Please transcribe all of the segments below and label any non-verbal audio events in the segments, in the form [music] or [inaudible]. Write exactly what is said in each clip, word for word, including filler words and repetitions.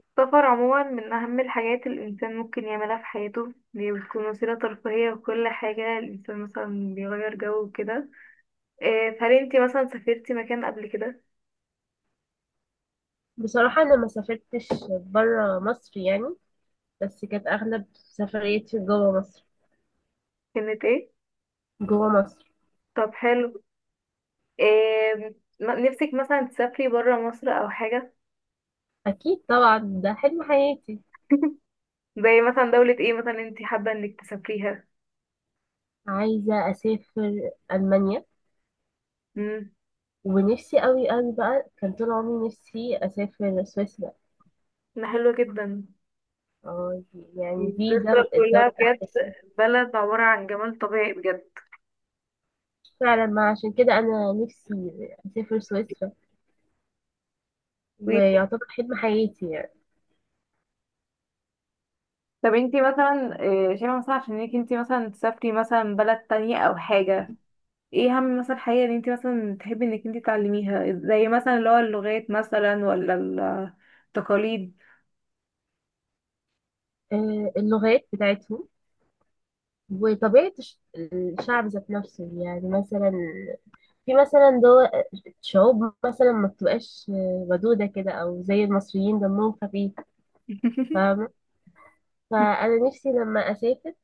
السفر عموما من أهم الحاجات اللي الإنسان ممكن يعملها في حياته. دي بتكون وسيلة ترفيهية وكل حاجة. الإنسان مثلا بيغير جو وكده. إيه، فهل انتي مثلا سافرتي مكان قبل كده؟ بصراحة أنا ما سافرتش برا مصر يعني، بس كانت أغلب سفرياتي جوا مصر. كانت ايه؟ جوا مصر طب حلو. إيه، م- نفسك مثلا تسافري برا مصر أو حاجة؟ أكيد طبعا، ده حلم حياتي. [laughs] زي مثلا دولة ايه مثلا انتي حابة انك تسافريها؟ عايزة أسافر ألمانيا، مم، ونفسي أوي أوي بقى، كان طول عمري نفسي أسافر سويسرا. ده حلو جدا. اه، يعني دي سويسرا دولة، كلها دولة بجد. أحلامي. بلد عبارة عن جمال طبيعي بجد. فعلا، ما عشان كده أنا نفسي أسافر سويسرا، ويعتبر حلم حياتي يعني. طب انتي مثلا، آه، شايفة مثلا عشان انك انتي مثلا تسافري مثلا بلد تانية او حاجة. ايه اهم مثلا حاجة ان انتي مثلا تحبي انك انتي تعلميها زي مثلا اللي هو اللغات مثلا ولا التقاليد؟ آه، اللغات بتاعتهم، وطبيعة الش- الشعب ذات نفسه. يعني مثلا في مثلا دول، شعوب مثلا ما بتبقاش ودودة كده، أو زي المصريين دمهم خفيف، [laughs] فاهمة؟ فأنا نفسي لما أسافر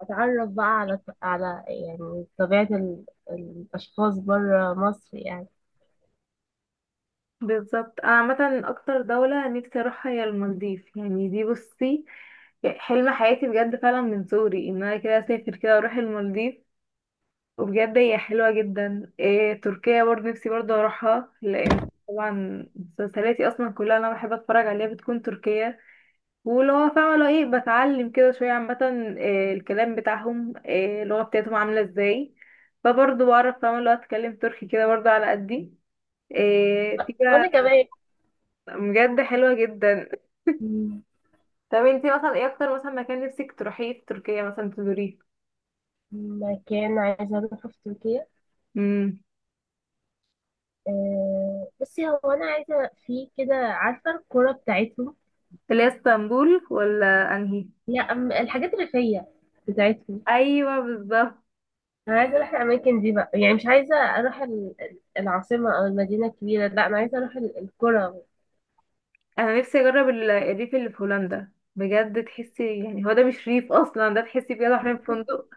أتعرف بقى على على يعني طبيعة ال... الأشخاص بره مصر يعني. بالظبط. انا عامة اكتر دولة نفسي اروحها هي المالديف. يعني دي بصي حلم حياتي بجد فعلا من صغري ان انا كده اسافر كده اروح المالديف. وبجد هي حلوة جدا. إيه تركيا برضه نفسي برضه اروحها لان طبعا مسلسلاتي اصلا كلها اللي انا بحب اتفرج عليها بتكون تركية. ولو هو فاهمة لو ايه بتعلم كده شوية عامة إيه الكلام بتاعهم، إيه اللغة بتاعتهم عاملة ازاي. فبرضه بعرف فاهمة لو اتكلم تركي كده برضه على قدي. إيه في بقى. وأنا كمان. بجد حلوة جدا. طب انتي مثلا ايه اكتر مثلا مكان نفسك تروحيه في تركيا مثلا تزوريه؟ مكان عايزة أروحه في تركيا. امم، آه، بصي، هو أنا عايزة في كده، عارفة الكرة بتاعتهم؟ اللي هي اسطنبول ولا انهي؟ لا، أم- الحاجات الريفية بتاعتهم. ايوه بالظبط. انا عايزه اروح الاماكن دي بقى، يعني مش عايزه اروح ال- ال- العاصمه او المدينه الكبيره، لا انا عايزه اروح ال- القرى. انا نفسي اجرب ال- الريف اللي في هولندا. بجد تحسي يعني هو ده مش ريف اصلا. ده تحسي بجد حرفيا في فندق.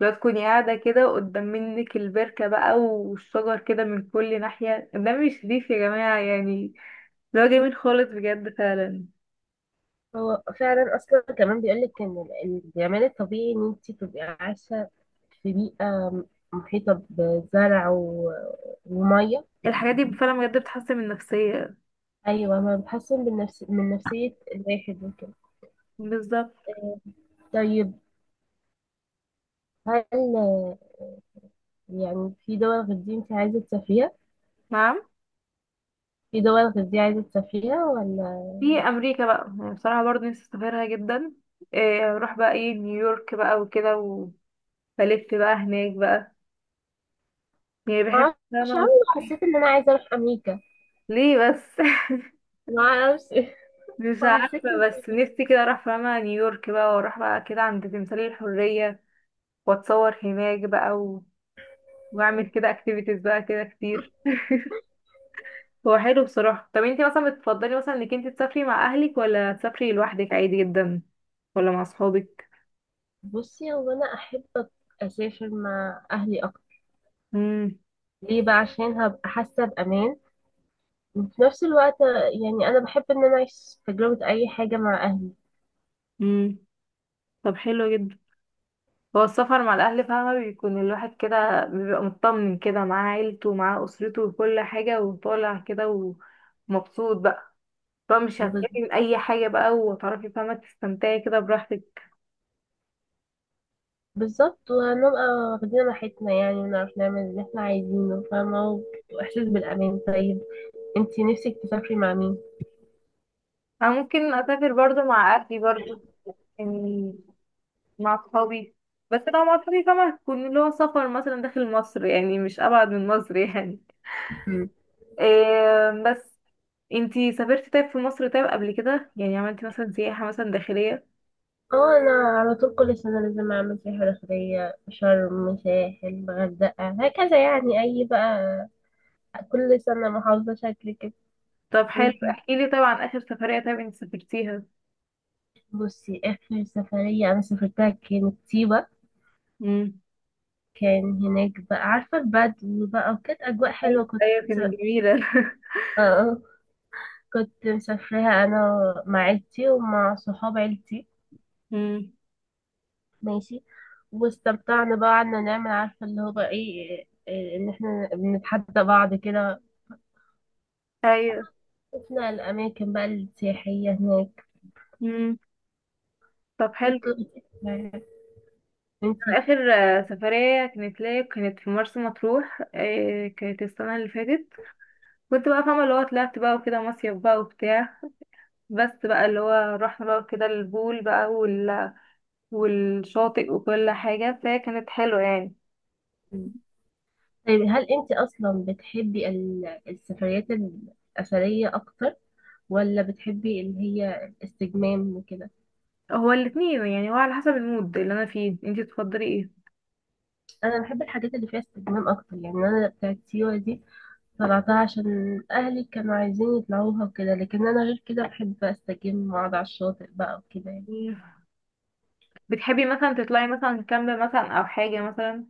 لو تكوني قاعده كده قدام منك البركه بقى والشجر كده من كل ناحيه ده مش ريف يا جماعه يعني. اللي هو جميل خالص بجد فعلا. هو فعلا اصلا كمان بيقول لك ان ال- الجمال الطبيعي، ان انت تبقي عايشه في بيئه م- محيطه بزرع و- وميه. الحاجات دي فعلا بجد بتحسن من النفسيه. ايوه، ما بتحسن من نفس من نفسيه الواحد وكده. بالظبط. آه، طيب هل آه، يعني في دول غير دي انت عايزه تسافريها؟ نعم، في دول غير دي عايزه تسافريها ولا؟ في امريكا بقى يعني بصراحه برضه نفسي اسافرها جدا. إيه، اروح بقى ايه نيويورك بقى وكده وبلف بقى هناك بقى يعني بحب معرفش، فاهمة. عمري ما اعرفش أوي، حسيت ان انا عايزه اروح امريكا. ليه بس؟ ما اعرفش. مش مع أساس عارفة بس إن- نفسي كده اروح فاهمة نيويورك بقى واروح بقى كده عند تمثالية الحرية واتصور هناك بقى و... واعمل كده اكتيفيتيز بقى كده كتير. هو حلو بصراحة. طب انتي مثلا بتفضلي مثلا انك انتي تسافري مع اهلك ولا تسافري لوحدك عادي جدا ولا مع اصحابك؟ بصي، هو أنا أحب أسافر مع أهلي أكتر. امم. ليه بقى؟ عشان هبقى حاسة بأمان، وفي نفس الوقت يعني أنا بحب إن أنا أعيش تجربة أي حاجة مع أهلي. امم. طب حلو جدا. هو السفر مع الاهل فاهمة بيكون الواحد كده بيبقى مطمن كده معاه عيلته ومعاه اسرته وكل حاجة وطالع كده ومبسوط بقى. بقى مش بز- هتخافي من اي حاجه بقى وهتعرفي فاهمه تستمتعي كده براحتك. بالظبط، وهنبقى واخدين راحتنا يعني، ونعرف نعمل اللي احنا عايزينه، فاهمة؟ وإحساس بالأمان. طيب انتي نفسك تسافري مع مين؟ انا ممكن اسافر برضو مع اهلي برضو. يعني مع اصحابي. بس لو مع اصحابي فاهمه هتكون اللي هو سفر مثلا داخل مصر. يعني مش ابعد من مصر [laughs] يعني. مم. إيه بس. انتي سافرتي طيب في مصر طيب قبل كده؟ يعني عملتي مثلا سياحه مثلا داخليه؟ اه أنا على طول كل سنة لازم أعمل سياحة داخلية، شرم، ساحل، غردقة، هكذا يعني. أي بقى كل سنة محافظة شكل كده. طب حلو. ممكن. احكي لي طيب عن اخر سفريه طيب انتي سافرتيها. بصي آخر سفرية أنا سافرتها كانت سيوة. امم. كان هناك بقى، عارفة البدو بقى، وكانت أجواء ايوه. حلوة. كنت، كانت آه. جميله. آه. كنت مسافراها أنا مع عيلتي ومع صحاب عيلتي. [laughs] امم. ماشي. واستمتعنا بقى، قعدنا نعمل عارفة اللي هو بقى إيه إيه، إن إحنا بنتحدى بعض كده. ايوه. شفنا الأماكن بقى السياحية هناك. امم. طب حلو. كانت لطيفة يعني. آخر آه، سفرية كانت ليا كانت في مرسى مطروح. آه، كانت السنة اللي فاتت. كنت بقى فاهمة اللي هو طلعت بقى وكده مصيف بقى وبتاع. بس بقى اللي هو رحنا بقى كده البول بقى وال... والشاطئ وكل حاجة فهي كانت حلوة يعني. انتي طيب، هل انت اصلا بتحبي ال- السفريات الاثريه اكتر، ولا بتحبي اللي هي الاستجمام وكده؟ هو الاتنين يعني هو على حسب المود اللي أنا فيه. انتي تفضلي ايه؟ انا بحب الحاجات اللي فيها استجمام اكتر يعني. انا بتاعت سيوه دي طلعتها عشان اهلي كانوا عايزين يطلعوها وكده، لكن انا غير كده بحب استجم واقعد على الشاطئ بقى وكده يعني. مم. بتحبي مثلا تطلعي مثلا كامب مثلا أو حاجة مثلا؟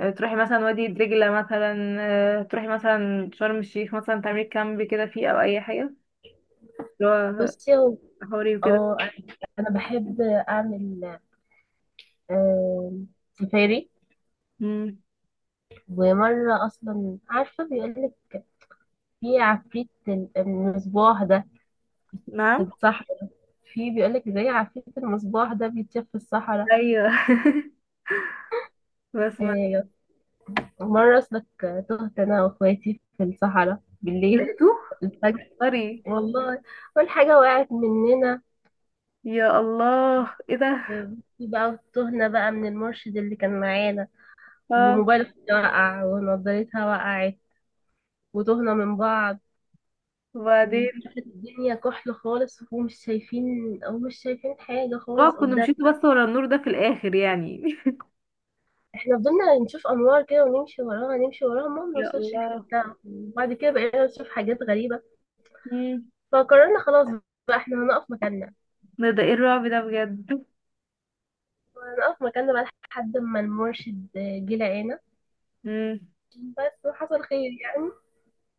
آه، تروحي مثلا وادي دجلة مثلا. آه، تروحي مثلا شرم الشيخ مثلا تعملي كامب كده فيه أو أي حاجة. اللي بصي هو- هو حوري وكده. اه، انا بحب اعمل آه، سفاري. مم. ومره اصلا عارفه، بيقولك في عفريت ال- المصباح ده، نعم. صح؟ في بيقولك زي عفريت المصباح ده بيتشاف في الصحراء. ايوه. [laughs] بسمع. آه، مرة أصلك تهت أنا وأخواتي في الصحراء بالليل. لقيته الفجر، طري. والله. أول حاجة وقعت مننا، يا الله ايه ده. في بقى تهنا بقى من المرشد اللي كان معانا، اه وموبايل أختي وقع، ونضارتها وقعت، وتهنا من بعض. وبعدين وكانت الدنيا كحل خالص ومش شايفين، أو مش شايفين حاجة اه خالص كنا قدام. مشيت بس ورا النور ده في الاخر يعني. احنا فضلنا نشوف انوار كده ونمشي وراها، نمشي وراها، ما [laughs] يا بنوصلش الله. لحتة. وبعد كده بقينا نشوف حاجات غريبة. مم. فقررنا خلاص بقى احنا هنقف مكاننا. ده ده ايه الرعب ده بجد. هنقف مكاننا بقى لحد ما المرشد جه لقانا. مم. بس وحصل خير يعني.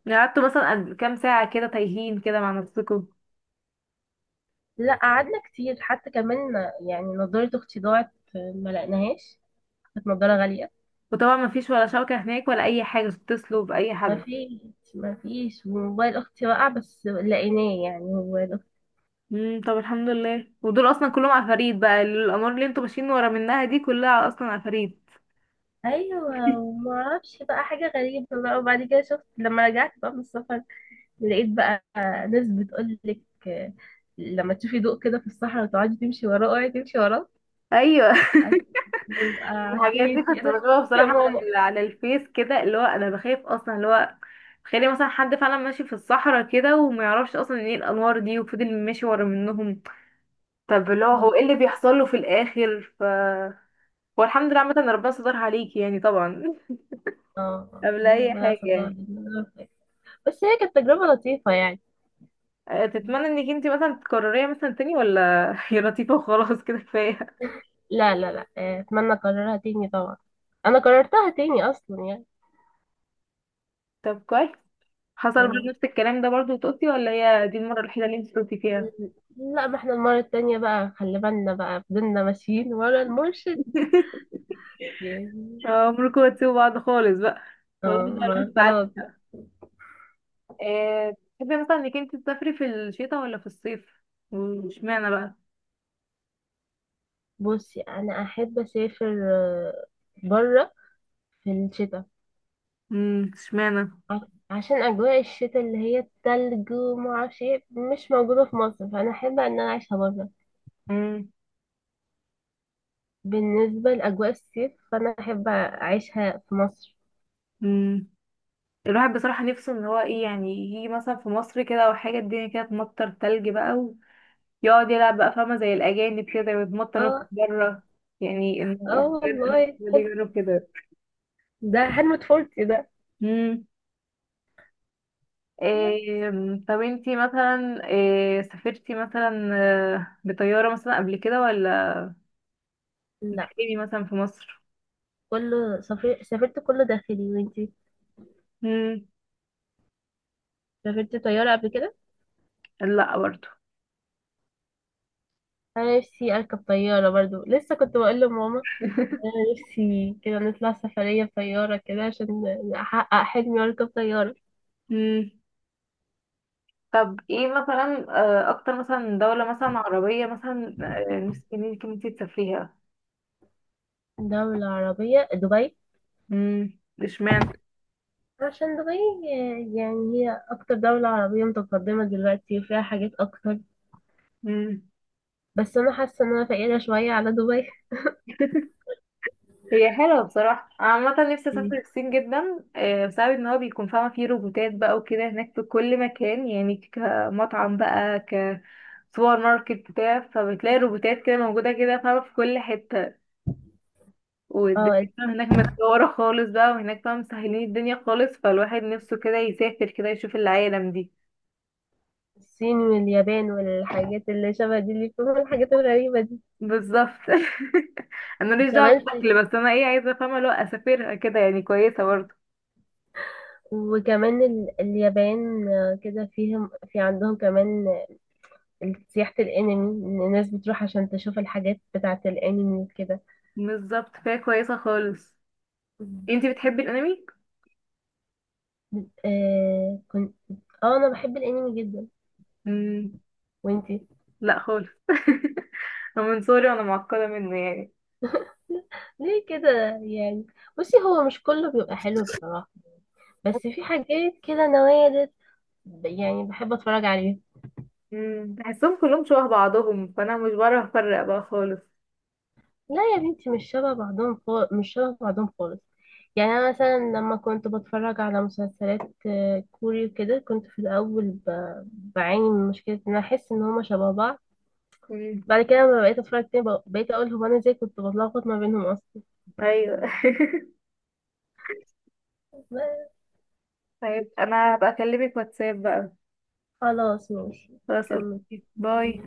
يعني قعدتوا مثلا قد- كام ساعة كده تايهين كده مع نفسكم؟ لا قعدنا كتير حتى كمان. يعني نضارة اختي ضاعت، ما لقناهاش، كانت نضارة غالية. وطبعا ما فيش ولا شبكة هناك ولا أي حاجة تتصلوا بأي ما حد. فيش. ما فيش، وموبايل اختي وقع بس لقيناه يعني، موبايل اختي. مم. طب الحمد لله. ودول أصلا كلهم عفاريت بقى. الأمور اللي انتوا ماشيين ورا منها دي كلها أصلا عفاريت. ايوه، وما اعرفش بقى، حاجه غريبه بقى. وبعد كده شفت لما رجعت بقى من السفر، لقيت بقى ناس بتقول لك لما تشوفي ضوء كده في الصحراء وتقعدي تمشي وراه، اوعي تمشي وراه، أيوه. بيبقى الحاجات دي عفيف كنت كده. بشوفها يا بصراحة على ماما. ال- على الفيس كده اللي هو انا بخاف اصلا اللي هو تخيلي مثلا حد فعلا ماشي في الصحراء كده وما يعرفش اصلا ايه الانوار دي وفضل ماشي ورا منهم. طب اللي هو هو ايه اللي بيحصل له في الاخر ف والحمد لله عامة إن ربنا سترها عليكي يعني طبعا. [laughs] اه، قبل اي ربنا حاجة ستار. يعني. بس هي كانت تجربة لطيفة يعني. أه، تتمنى انك انتي مثلا تكرريها مثلا تاني ولا [laughs] هي لطيفة وخلاص كده كفاية؟ لا لا لا آه، اتمنى اكررها تاني طبعا، انا كررتها تاني اصلا يعني. طب كويس. حصل برضه مم. نفس الكلام ده برضه وتقصي ولا هي دي المرة الوحيدة اللي انتي قلتي فيها؟ لا ما احنا المرة التانية بقى خلي بالنا بقى، فضلنا ماشيين ورا المرشد يعني. اه عمركم هتسيبوا بعض خالص بقى. والله اه ده ما الواحد اتعلم. خلاص. آه، تحبي مثلا انك انت تسافري في الشتاء ولا في الصيف؟ واشمعنى بقى؟ بصي انا احب اسافر، آه، بره، في الشتاء. امم، اشمعنى. ع- عشان اجواء الشتاء اللي هي التلج وما اعرفش ايه، مش موجوده في مصر، فانا احب ان انا اعيشها بره. امم. بالنسبه لاجواء الصيف فانا احب اعيشها في مصر. امم. الواحد بصراحة نفسه ان هو ايه يعني يجي مثلا في مصر كده او حاجة الدنيا كده تمطر تلج بقى ويقعد يلعب بقى فاهمة زي الأجانب كده ويتمطر نط اه. بره. يعني ان اه واحد والله بجد حلو. يجرب كده. ده حلم طفولتي ده. امم. إيه. طب انتي مثلا إيه سافرتي مثلا آه، بطيارة مثلا قبل كده ولا لا، بتقيمي مثلا في مصر؟ كله سافر... سافرت كله داخلي. وانتي مم. سافرت طياره قبل كده؟ لا برضو. انا نفسي اركب طياره برضو، لسه كنت بقول لماما انا نفسي كده نطلع سفرية بطيارة كده، عشان احقق حلمي واركب طيارة. مم. طب ايه مثلا آه، اكتر مثلا دولة مثلا عربية مثلا آه، نفسك ان انت إنتي تسافريها؟ دولة عربية، دبي. مم. اشمعنى؟ عشان دبي يعني هي اكتر دولة عربية متقدمة دلوقتي، وفيها حاجات اكتر. مم. بس انا حاسة ان انا فقيرة شوية على دبي. [laughs] هي حلوة بصراحة. أنا عامة نفسي اسافر الصين جدا آه، بسبب ان هو بيكون فاهمة فيه روبوتات بقى وكده هناك في كل مكان. يعني كمطعم بقى كسوبر ماركت بتاع فبتلاقي روبوتات كده موجودة كده فاهمة في كل حتة. اه، والدنيا هناك متطورة خالص بقى وهناك بقى مسهلين الدنيا خالص فالواحد نفسه كده يسافر كده يشوف العالم دي. الصين واليابان والحاجات اللي شبه دي، اللي فيهم الحاجات الغريبة دي. بالظبط. [laughs] انا ماليش كمان دعوة في، بالاكل بس انا ايه عايزة افهمها لو اسافرها كده يعني كويسة برضه. وكمان ال... اليابان، آه، كده فيهم، في عندهم كمان سياحة الانمي، ان الناس بتروح عشان تشوف الحاجات بتاعة الانمي وكده. بالظبط فهي كويسة خالص. مم. انتي بتحبي الانمي؟ آه كنت، اه انا بحب الانمي جدا. مم. وانتي؟ لا خالص. [laughs] أنا من صغري وانا معقدة منه يعني. [laughs] ليه كده يعني؟ بصي هو مش كله بيبقى حلو بصراحة، بس في حاجات كده نوادر ب- يعني بحب اتفرج عليها. مم. بحسهم كلهم شبه بعضهم فانا مش بعرف افرق بقى خالص. لا يا بنتي، مش شبه بعضهم خالص، مش شبه بعضهم خالص. يعني انا مثلا لما كنت بتفرج على مسلسلات آه، كوري وكده، كنت في الاول ب-، بعاني من مشكلة ان أنا احس ان هما شبه بعض. مم. بعد كده لما بقيت اتفرج تاني، بق- بقيت اقول هو انا ازاي كنت بتلخبط ما بينهم اصلا. ايوه. [laughs] لا، طيب انا هبقى اكلمك واتساب بقى. خلاص ماشي. خلاص كمل. اوكي باي.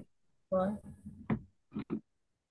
باي.